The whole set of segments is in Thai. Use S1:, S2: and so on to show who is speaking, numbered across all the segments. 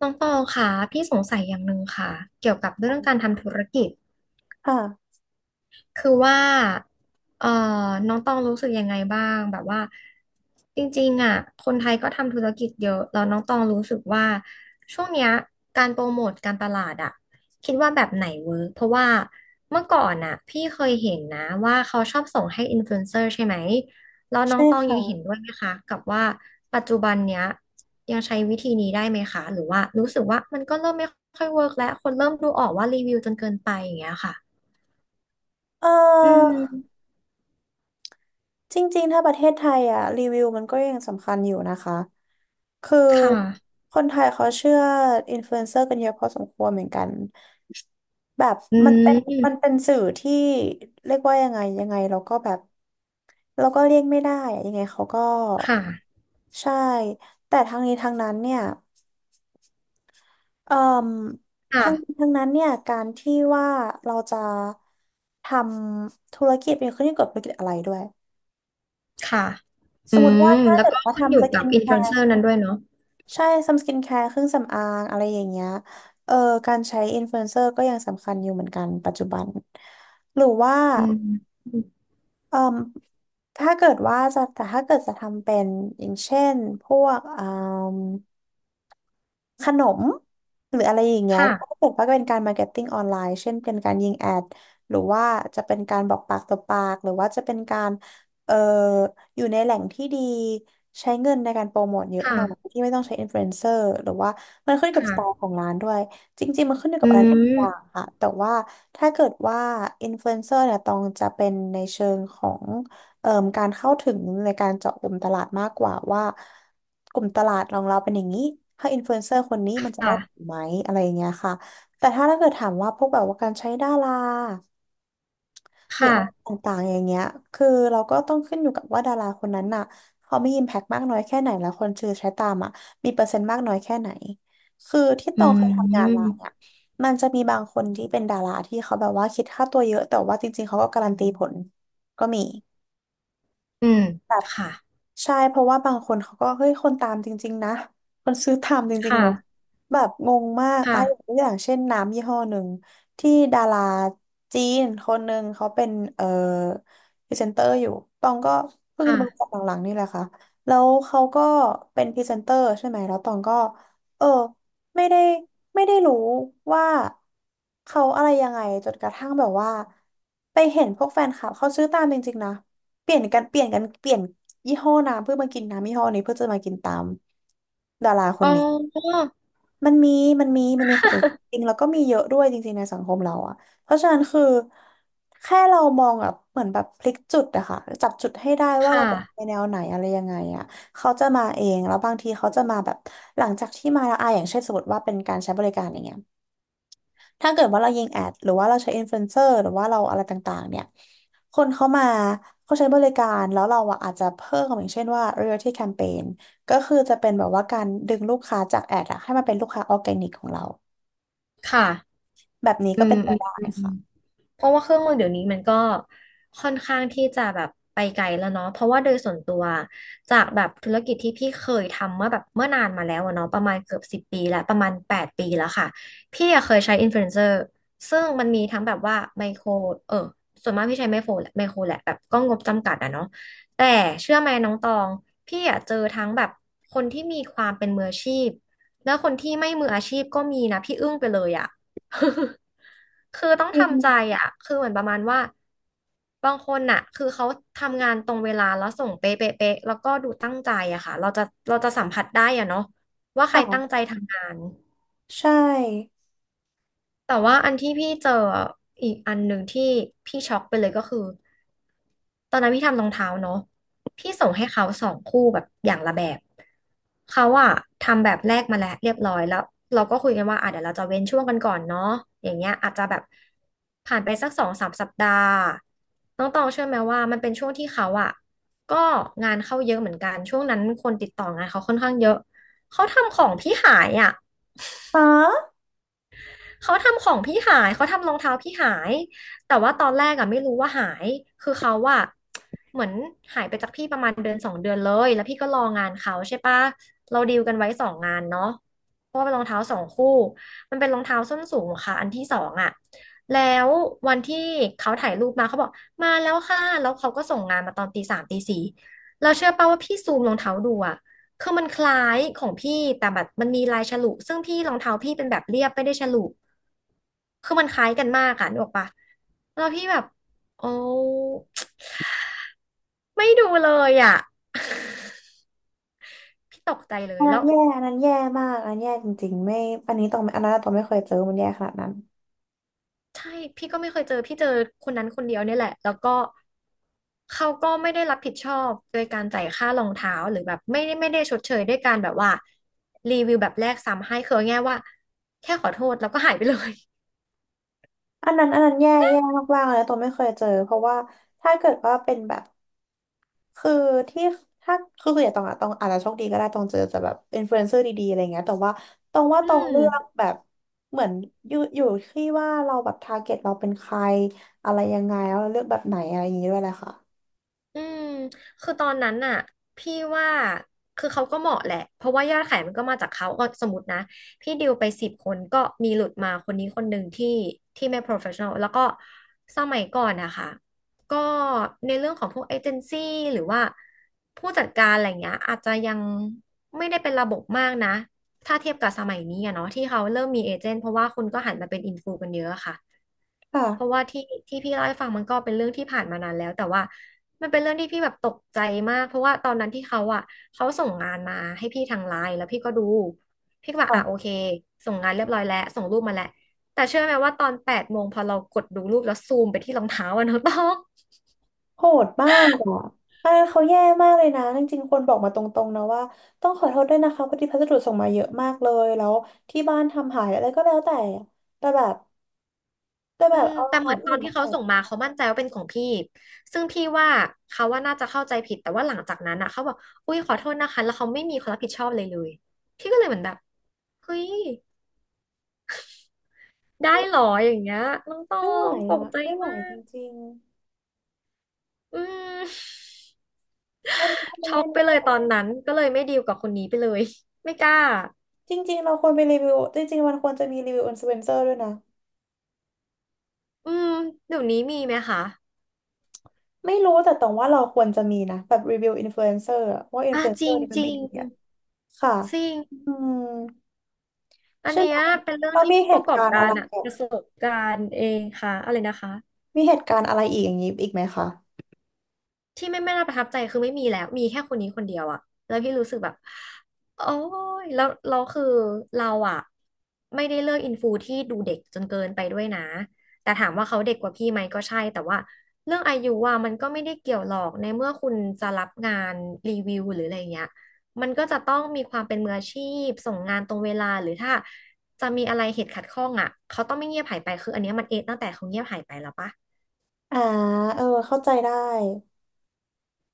S1: น้องตองค่ะ พี่สงสัยอย่างหนึ่งค่ะ เกี่ยวกับเรื่องการทำธุรกิจ
S2: ค่ะ
S1: คือว่าเอ่อน้องตองรู้สึกยังไงบ้างแบบว่าจริงๆอ่ะคนไทยก็ทำธุรกิจเยอะแล้วน้องตองรู้สึกว่า ช่วงเนี้ยการโปรโมทการตลาดอ่ะคิดว่าแบบไหนเวิร์กเพราะว่าเมื่อก่อนอ่ะพี่เคยเห็นนะว่าเขาชอบส่งให้อินฟลูเอนเซอร์ใช่ไหมแล้วน้อ
S2: ใช่
S1: งตองยังเห็น
S2: ค่ะ
S1: ด้วยไหมคะกับว่าปัจจุบันเนี้ยยังใช้วิธีนี้ได้ไหมคะหรือว่ารู้สึกว่ามันก็เริ่มไม่ค่อยเวิร์กแล้วคนเริ่มดูออกว่ารีวิวจนเกินไปอย่างเงี้ยค่ะ
S2: เ
S1: อื
S2: ออ
S1: ม
S2: จริงๆ ถ้าประเทศไทยอ่ะรีวิวมันก็ยังสำคัญอยู่นะคะ คือ
S1: ค่ะ
S2: คนไทยเขาเชื่ออินฟลูเอนเซอร์กันเยอะพอสมควรเหมือนกัน แบบ
S1: อื
S2: มันเป็นมันเป็
S1: ม
S2: นสื่อที่เรียกว่ายังไงเราก็แบบเราก็เลี่ยงไม่ได้อะยังไงเขาก็
S1: ค่ะ
S2: ใช่แต่ทางนี้ทางนั้นเนี่ย เอ่อ
S1: ค่ะ
S2: ทั้งนั้นเนี่ยการที่ว่าเราจะทำธุรกิจเป็นขึ้นอยู่กับธุรกิจอะไรด้วย
S1: ค่ะ
S2: ส
S1: อื
S2: มมติว่า
S1: ม
S2: ถ้า
S1: แล้ว
S2: เกิด
S1: ก็
S2: ว่า
S1: ขึ้นอ
S2: ทำ
S1: ยู่
S2: ส
S1: กั
S2: กิ
S1: บ
S2: น
S1: อิน
S2: แค
S1: ฟลูเอนเซ
S2: ร์
S1: อร์นั้นด้วยเนาะ
S2: ใช่ทำสกินแคร์เครื่องสำอางอะไรอย่างเงี้ยเออการใช้อินฟลูเอนเซอร์ก็ยังสำคัญอยู่เหมือนกันปัจจุบันหรือว่า
S1: อืม
S2: เอ่มถ้าเกิดว่าจะแต่ถ้าเกิดจะทำเป็นอย่างเช่นพวกเอ่า ขนมหรืออะไรอย่างเงี้ย
S1: ค่ะ
S2: ก็ถือว่าเป็นการมาร์เก็ตติ้งออนไลน์เช่นเป็นการยิงแอดหรือว่าจะเป็นการบอกปากต่อปากหรือว่าจะเป็นการเอ่ออยู่ในแหล่งที่ดีใช้เงินในการโปรโมทเยอะหน่อย
S1: ค่ะ
S2: ที่ไม่ต้องใช้อินฟลูเอนเซอร์หรือว่ามันขึ้นอยู่กับสไตล์
S1: ค่ะ
S2: ของร้านด้วยจริงๆมันขึ้นอยู่
S1: อื
S2: กับอะไรหลายอย่าง
S1: ม
S2: ค่ะแต่ว่าถ้าเกิดว่าอินฟลูเอนเซอร์เนี่ยต้องจะเป็นในเชิงของ เอ่อการเข้าถึงในการเจาะกลุ่มตลาดมากกว่าว่ากลุ่มตลาดของเราเป็นอย่างนี้ถ้าอินฟลูเอนเซอร์คนนี้มันจะได้ผ
S1: ค่ะ
S2: ลไหมอะไรอย่างเงี้ยค่ะแต่ถ้าเกิดถามว่าพวกแบบว่าการใช้ดารา
S1: ค
S2: หรืออะไร
S1: ่ะ
S2: ต่างๆอย่างเงี้ยคือเราก็ต้องขึ้นอยู่กับว่าดาราคนนั้นน่ะเขามีอิมแพกมากน้อยแค่ไหนแล้วคนชื่อใช้ตามอ่ะมีเปอร์เซ็นต์มากน้อยแค่ไหนคือที่ต
S1: อื
S2: องเคยทำงานมา
S1: ม
S2: เนี่ยมันจะมีบางคนที่เป็นดาราที่เขาแบบว่าคิดค่าตัวเยอะแต่ว่าจริงๆเขาก็การันตีผลก็มี
S1: อืมค่ะ
S2: ใช่เพราะว่าบางคนเขาก็เฮ้ยคนตามจริงๆนะคนซื้อตามจ
S1: ค
S2: ริงๆเนาะ
S1: ่ะ
S2: แบบงงมากไอ้
S1: ค่ะ
S2: ตัวอย่างเช่นน้ำยี่ห้อหนึ่งที่ดาราจีนคนหนึ่งเขาเป็นพรีเซนเตอร์อยู่ตองก็เพิ่ง
S1: ค่ะ
S2: จะมารู้จักหลังๆนี่แหละค่ะแล้วเขาก็เป็นพรีเซนเตอร์ใช่ไหมแล้วตองก็เออไม่ได้ไม่ได้รู้ว่าเขาอะไรยังไงจนกระทั่งแบบว่าไปเห็นพวกแฟนคลับเขาซื้อตามจริงๆนะ เปลี่ยนกันเปลี่ยนกันเปลี่ยนยี่ห้อน้ำเพื่อมากินน้ำยี่ห้อนี้เพื่อจะมากินตามดาราค
S1: อ๋
S2: น
S1: อ
S2: นี้มันมีมันมีคนจริง แล้วก็มีเยอะด้วยจริงๆในสังคมเราอะเพราะฉะนั้นคือแค่เรามองแบบเหมือนแบบพลิกจุดอะค่ะจับจุดให้ได้ว่าเรา
S1: ค่ะ
S2: จะไปแนวไหนอะไรยังไงอะเขาจะมาเองแล้วบางทีเขาจะมาแบบหลังจากที่มาแล้วอะอย่างเช่นสมมติว่าเป็นการใช้บริการอย่างเงี้ย ถ้าเกิดว่าเรายิงแอดหรือว่าเราใช้อินฟลูเอนเซอร์หรือว่าเราอะไรต่างๆเนี่ยคนเข้ามาเขาใช้บริการแล้วเราอะอาจจะเพิ่มอย่างเช่นว่า loyalty campaign ก็คือจะเป็นแบบว่าการดึงลูกค้าจากแอดอะให้มาเป็นลูกค้าออร์แกนิกของเรา
S1: ค่ะ
S2: แบบนี้
S1: อื
S2: ก็เป็
S1: ม
S2: นไป
S1: อืม
S2: ได้
S1: อืม
S2: ค่ะ
S1: เพราะว่าเครื่องมือเดี๋ยวนี้มันก็ค่อนข้างที่จะแบบไปไกลแล้วเนาะเพราะว่าโดยส่วนตัวจากแบบธุรกิจที่พี่เคยทำเมื่อนานมาแล้วอะเนาะประมาณเกือบ10 ปีแล้วประมาณ8 ปีแล้วค่ะพี่อะเคยใช้อินฟลูเอนเซอร์ซึ่งมันมีทั้งแบบว่าไมโครเออส่วนมากพี่ใช้ไมโครแหละไมโครแหละแบบก็งบจำกัดอะเนาะแต่เชื่อไหมน้องตองพี่อะเจอทั้งแบบคนที่มีความเป็นมืออาชีพแล้วคนที่ไม่มืออาชีพก็มีนะพี่อึ้งไปเลยอะ คือต้อง
S2: อื
S1: ทำใจ
S2: ม
S1: อ่ะคือเหมือนประมาณว่าบางคนน่ะคือเขาทำงานตรงเวลาแล้วส่งเป๊ะเป๊ะเป๊ะแล้วก็ดูตั้งใจอะค่ะเราจะสัมผัสได้อะเนาะว่าใครตั้งใจ
S2: ค่ะ
S1: ทำงาน
S2: ใช่
S1: แต่ว่าอันที่พี่เจออีกอันหนึ่งที่พี่ช็อกไปเลยก็คือ ตอนนั้นพี่ทำรองเท้าเนาะพี่ส่งให้เขาสองคู่แบบอย่างละแบบเขาอะทำแบบแรกมาแล้วเรียบร้อยแล้วเราก็คุยกันว่าอ่ะเดี๋ยวเราจะเว้นช่วงกันก่อนเนาะอย่างเงี้ยอาจจะแบบผ่านไปสัก2-3 สัปดาห์น้องตองเชื่อไหมว่ามันเป็นช่วงที่เขาอะก็งานเข้าเยอะเหมือนกันช่วงนั้นคนติดต่องานเขาค่อนข้างเยอะเขาทำของพี่หายอะ
S2: อ๋อ
S1: เขาทำของพี่หาย เขาทำรองเท้าพี่หาย แต่ว่าตอนแรกอะไม่รู้ว่าหาย คือเขาอะเหมือนหายไปจากพี่ประมาณเดือนสองเดือนเลยแล้วพี่ก็รองานเขาใช่ปะเราดีลกันไว้2 งานเนาะเพราะว่าเป็นรองเท้าสองคู่มันเป็นรองเท้าส้นสูงค่ะอันที่สองอะแล้ววันที่เขาถ่ายรูปมาเขาบอกมาแล้วค่ะแล้วเขาก็ส่งงานมาตอนตีสามตีสี่เราเชื่อป่ะว่าพี่ซูมรองเท้าดูอะ คือมันคล้ายของพี่แต่แบบมันมีลายฉลุซึ่งพี่รองเท้าพี่เป็นแบบเรียบไม่ได้ฉลุคือมันคล้ายกันมากอ่ะนึกออกปะแล้วพี่แบบโอ้ไม่ดูเลยอ่ะ พี่ตกใจเล
S2: อั
S1: ย
S2: นนั้
S1: แล้
S2: น
S1: ว
S2: แย่อันนั้นแย่มากอันนั้นแย่จริงๆไม่อันนี้ต้องไม่อันนั้นต้องไม่เคยเจอมันแย่ขนาดนั้น
S1: ใช่พี่ก็ไม่เคยเจอพี่เจอคนนั้นคนเดียวเนี่ยแหละแล้วก็เขาก็ไม่ได้รับผิดชอบโดยการจ่ายค่ารองเท้าหรือแบบไม่ได้ชดเชยด้วยการแบบว่ารีวิวแบบแรกซ้ำให้คือเอาง่ายๆว่าแค่ขอโทษแล้วก็หายไปเลย
S2: อันนั้นแย่มากๆเลยนะตัวไม่เคยเจอเพราะว่าถ้าเกิดว่าเป็นแบบคือที่ถ้าคือส่วนใหญ่ตองอะตองอาจจะโชคดีก็ได้ตองเจอแต่แบบอินฟลูเอนเซอร์ดีๆอะไรเงี้ยแต่ว่าตองว่า
S1: อื
S2: ตอง
S1: ม
S2: เลือกแบบเหมือนอยู่ที่ว่าเราแบบทาร์เก็ตเราเป็นใครอะไรยังไงแล้วเราเลือกแบบไหนอะไรอย่างงี้ด้วยแหละค่ะ
S1: อืมคือตอนนั้นน่ะพี่ว่าคือเขาก็เหมาะแหละเพราะว่ายอดขายมันก็มาจากเขาก็สมมตินะพี่ดิวไป10 คนก็มีหลุดมาคนนี้คนหนึ่งที่ที่ไม่ professional แล้วก็สมัยก่อนนะคะก็ในเรื่องของพวกเอเจนซี่หรือว่าผู้จัดการอะไรเงี้ยอาจจะยังไม่ได้เป็นระบบมากนะถ้าเทียบกับสมัยนี้อะเนาะที่เขาเริ่มมีเอเจนต์เพราะว่าคนก็หันมาเป็นอินฟูกันเยอะอะค่ะ
S2: ค
S1: เพราะว่าที่ที่พี่เล่าให้ฟังมันก็เป็นเรื่องที่ผ่านมานานแล้วแต่ว่ามันเป็นเรื่องที่พี่แบบตกใจมากเพราะว่าตอนนั้นที่เขาอ่ะเขาส่งงานมาให้พี่ทางไลน์แล้วพี่ก็ดูพี่ก็แบบอ่ะโอ
S2: ่ะ
S1: เคส่งงานเรียบร้อยแล้วส่งรูปมาแล้วแต่เชื่อไหมว่าตอน8 โมงพอเรากดดูรูปแล้วซูมไปที่รองเท้าอะน้องต้ อง
S2: โหดมากอ่ะเขาแย่มากเลยนะจริงๆคนบอกมาตรงๆนะว่าต้องขอโทษด้วยนะคะพอดีพัสดุส่งมาเยอะมากเลยแล้วที่บ้านทำหายอะไรก็แล้วแต่แต่แบบแต่แบ
S1: อื
S2: บ
S1: ม
S2: เอารอ
S1: แต่
S2: ง
S1: เห
S2: เท้า
S1: มือนตอ
S2: อื่น
S1: นที่
S2: มา
S1: เขา
S2: ใส่
S1: ส่งมาเขามั่นใจว่าเป็นของพี่ซึ่งพี่ว่าเขาว่าน่าจะเข้าใจผิดแต่ว่าหลังจากนั้นอ่ะเขาบอกอุ้ยขอโทษนะคะแล้วเขาไม่มีความรับผิดชอบเลยพี่ก็เลยเหมือนแบบเฮ้ย ได้หรออย่างเงี้ยน้องตอ
S2: ไม่ไหว
S1: งตก
S2: อ่ะ
S1: ใจ
S2: ไม่ไหว
S1: มา
S2: จ
S1: ก
S2: ริง
S1: อืม
S2: ๆ
S1: ช็อก
S2: อัน
S1: ไปเลย
S2: นี้
S1: ตอนนั้นก็เลยไม่ดีลกับคนนี้ไปเลยไม่กล้า
S2: จริงๆเราควรไปรีวิวจริงๆมันควรจะมีรีวิวอินฟลูเอนเซอร์ด้วยนะ
S1: อืมเดี๋ยวนี้มีไหมคะ
S2: ไม่รู้แต่ตรงว่าเราควรจะมีนะแบบรีวิวอินฟลูเอนเซอร์ว่าอินฟ
S1: อ่ะ
S2: ลูเอน
S1: จ
S2: เซอ
S1: ริ
S2: ร์
S1: ง
S2: นี่มั
S1: จ
S2: น
S1: ริ
S2: ไม่
S1: ง
S2: ดีอ่ะค่ะ
S1: จริง
S2: อืม
S1: อัน
S2: ใช่
S1: เนี้
S2: ไหม
S1: ยเป็นเรื่อ
S2: ต
S1: ง
S2: อน
S1: ที่
S2: มี
S1: ผู้
S2: เห
S1: ประ
S2: ตุ
S1: กอบ
S2: การณ์
S1: กา
S2: อะ
S1: ร
S2: ไร
S1: อะประสบการณ์เองค่ะอะไรนะคะ
S2: มีเหตุการณ์อะไรอีกอย่างนี้อีกไหมคะ
S1: ที่ไม่น่าประทับใจคือไม่มีแล้วมีแค่คนนี้คนเดียวอะแล้วพี่รู้สึกแบบโอ้ยแล้วเราคือเราอะไม่ได้เลือกอินฟูที่ดูเด็กจนเกินไปด้วยนะแต่ถามว่าเขาเด็กกว่าพี่ไหมก็ใช่แต่ว่าเรื่องอายุอะมันก็ไม่ได้เกี่ยวหรอกในเมื่อคุณจะรับงานรีวิวหรืออะไรเงี้ยมันก็จะต้องมีความเป็นมืออาชีพส่งงานตรงเวลาหรือถ้าจะมีอะไรเหตุขัดข้องอะเขาต้องไม่เงียบหายไปคืออันเนี้ยมันเอะตั้งแต่เขาเงียบหายไปแล้วปะ
S2: อ่าเออเข้าใจได้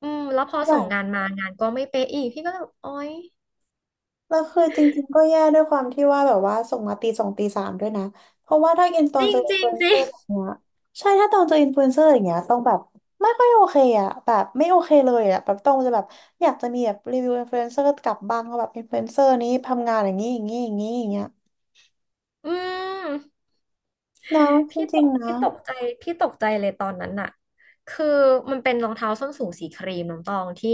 S1: อืมแล้วพอ
S2: แบ
S1: ส่งงาน
S2: บ
S1: มางานก็ไม่เป๊ะอีกพี่ก็เลยแบบโอ๊ย
S2: แล้วคือจริงๆก็แย่ด้วยความที่ว่าแบบว่าส่งมาตีสองตีสามด้วยนะเพราะว่าถ้าอินตอ
S1: จ
S2: น
S1: ริ
S2: เจ
S1: ง
S2: ออิ
S1: จ
S2: น
S1: ริ
S2: ฟลู
S1: ง
S2: เอน
S1: จ
S2: เซ
S1: ริ
S2: อ
S1: ง
S2: ร์แบบเนี้ยใช่ถ้าตอนเจออินฟลูเอนเซอร์อย่างเงี้ยต้องแบบไม่ค่อยโอเคอ่ะแบบไม่โอเคเลยอ่ะแบบต้องจะแบบอยากจะมีแบบรีวิวอินฟลูเอนเซอร์กลับบ้างว่าแบบอินฟลูเอนเซอร์นี้ทำงานอย่างนี้อย่างเงี้ย
S1: อืม
S2: นะจ
S1: พี่ต
S2: ริง
S1: ก
S2: ๆนะ
S1: พี่ตกใจพี่ตกใจเลยตอนนั้นน่ะคือมันเป็นรองเท้าส้นสูงสีครีมน้องตองที่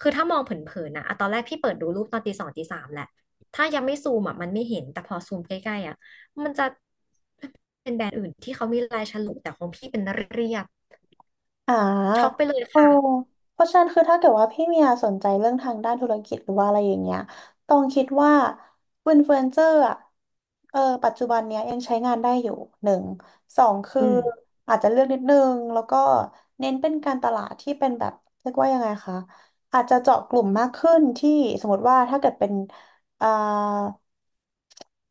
S1: คือถ้ามองเผินๆนะอะตอนแรกพี่เปิดดูรูปตอนตีสองตีสามแหละถ้ายังไม่ซูมอ่ะมันไม่เห็นแต่พอซูมใกล้ๆอ่ะมันจะเป็นแบรนด์อื่นที่เขามีลายฉลุแต่ของพี่เป็นเรียบ
S2: อ่า
S1: ช็อกไปเลย
S2: โอ้
S1: ค่ะ
S2: เพราะฉะนั้นคือถ้าเกิดว่าพี่เมียสนใจเรื่องทางด้านธุรกิจหรือว่าอะไรอย่างเงี้ยต้องคิดว่าอินฟลูเอนเซอร์อ่ะเออปัจจุบันเนี้ยยังใช้งานได้อยู่หนึ่งสองคือ
S1: อืม
S2: อาจจะเลือกนิดนึงแล้วก็เน้นเป็นการตลาดที่เป็นแบบเรียกว่ายังไงคะอาจจะเจาะกลุ่มมากขึ้นที่สมมติว่าถ้าเกิดเป็น เอ่อ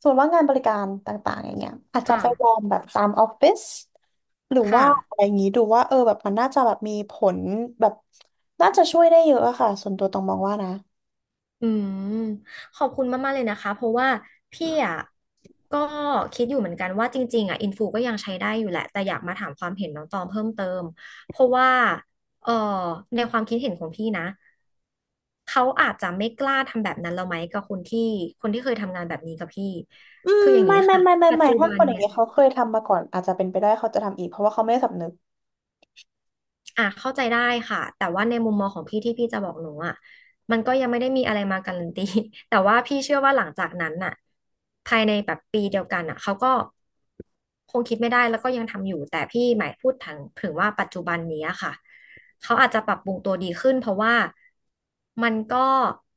S2: ส่วนว่างานบริการต่างๆอย่างเงี้ยอาจจะ
S1: ค่ะ
S2: ไปลองแบบตามออฟฟิศหรือว่า
S1: ค่ะ
S2: อะไรอย่างงี้ดูว่าเออแบบมันน่าจะแบบมีผลแบบน่าจะช่วยได้เยอะอะค่ะส่วนตัวต้องมองว่านะ
S1: อืมขอบคุณมากๆเลยนะคะเพราะว่าพี่อ่ะก็คิดอยู่เหมือนกันว่าจริงๆอ่ะอินฟูก็ยังใช้ได้อยู่แหละแต่อยากมาถามความเห็นน้องตองเพิ่มเติมเพราะว่าเอ่อในความคิดเห็นของพี่นะเขาอาจจะไม่กล้าทำแบบนั้นแล้วไหมกับคนที่เคยทำงานแบบนี้กับพี่
S2: อืม
S1: คืออย่างนี้ค่ะปัจ
S2: ไม่
S1: จุ
S2: ถ้า
S1: บั
S2: ค
S1: น
S2: นอย่าง
S1: เนี่ย
S2: เงี้ยเขาเคยทำมาก่อนอาจจะเป็นไปได้เขาจะทำอีกเพราะว่าเขาไม่ได้สำนึก
S1: อ่ะเข้าใจได้ค่ะแต่ว่าในมุมมองของพี่ที่พี่จะบอกหนูอ่ะมันก็ยังไม่ได้มีอะไรมาการันตี แต่ว่าพี่เชื่อว่าหลังจากนั้นน่ะภายในแบบปีเดียวกันน่ะเขาก็ คงคิดไม่ได้แล้วก็ยังทำอยู่แต่พี่หมายพูดถึงว่าปัจจุบันนี้อะค่ะเขาอาจจะปรับปรุงตัวดีขึ้นเพราะว่ามันก็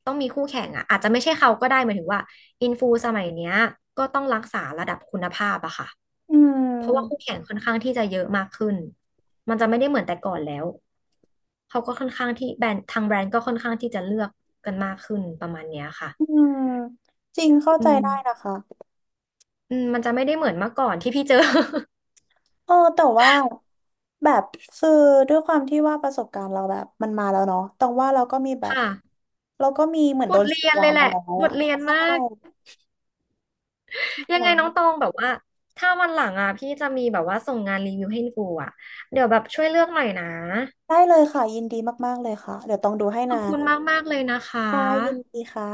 S1: ต้องมีคู่แข่งอะอาจจะไม่ใช่เขาก็ได้หมายถึงว่าอินฟูสมัยเนี้ยก็ต้องรักษาระดับคุณภาพอะค่ะ
S2: อื
S1: เพราะว่า
S2: ม
S1: คู่แข่งค่อนข้างที่จะเยอะมากขึ้นมันจะไม่ได้เหมือนแต่ก่อนแล้วเขาก็ค่อนข้างที่แบรนด์ทางแบรนด์ก็ค่อนข้างที่จะเลือกกันมากขึ้นประมาณเนี้ยค่ะ
S2: อืมจริงเข้า
S1: อื
S2: ใจ
S1: ม
S2: ได้นะคะ
S1: อืมมันจะไม่ได้เหมือนเมื่อก่อนที่พี่เจอ
S2: เออแต่ว่าแบบคือด้วยความที่ว่าประสบการณ์เราแบบมันมาแล้วเนาะแต่ว่าเราก็มีแบ บ
S1: ค่ะ
S2: เราก็มีเหมือน
S1: บ
S2: โด
S1: ท
S2: นฉี
S1: เรี
S2: ด
S1: ยน
S2: ยา
S1: เลยแห
S2: มา
S1: ละ
S2: แล้ว
S1: บท
S2: อ่ะ
S1: เรียน
S2: ใช่
S1: มาก ยังไงน้องต
S2: ะ
S1: องแบบว่า ถ้าวันหลังอ่ะพี่จะมีแบบว่าส่งงานรีวิวให้กูอ่ะ เดี๋ยวแบบช่วยเลือกหน่อยนะ
S2: ได้เลยค่ะยินดีมากๆเลยค่ะเดี๋ยวต้องดูให้
S1: ขอ
S2: นะ
S1: บคุณมากๆเลยนะคะ
S2: ค่ะยินดีค่ะ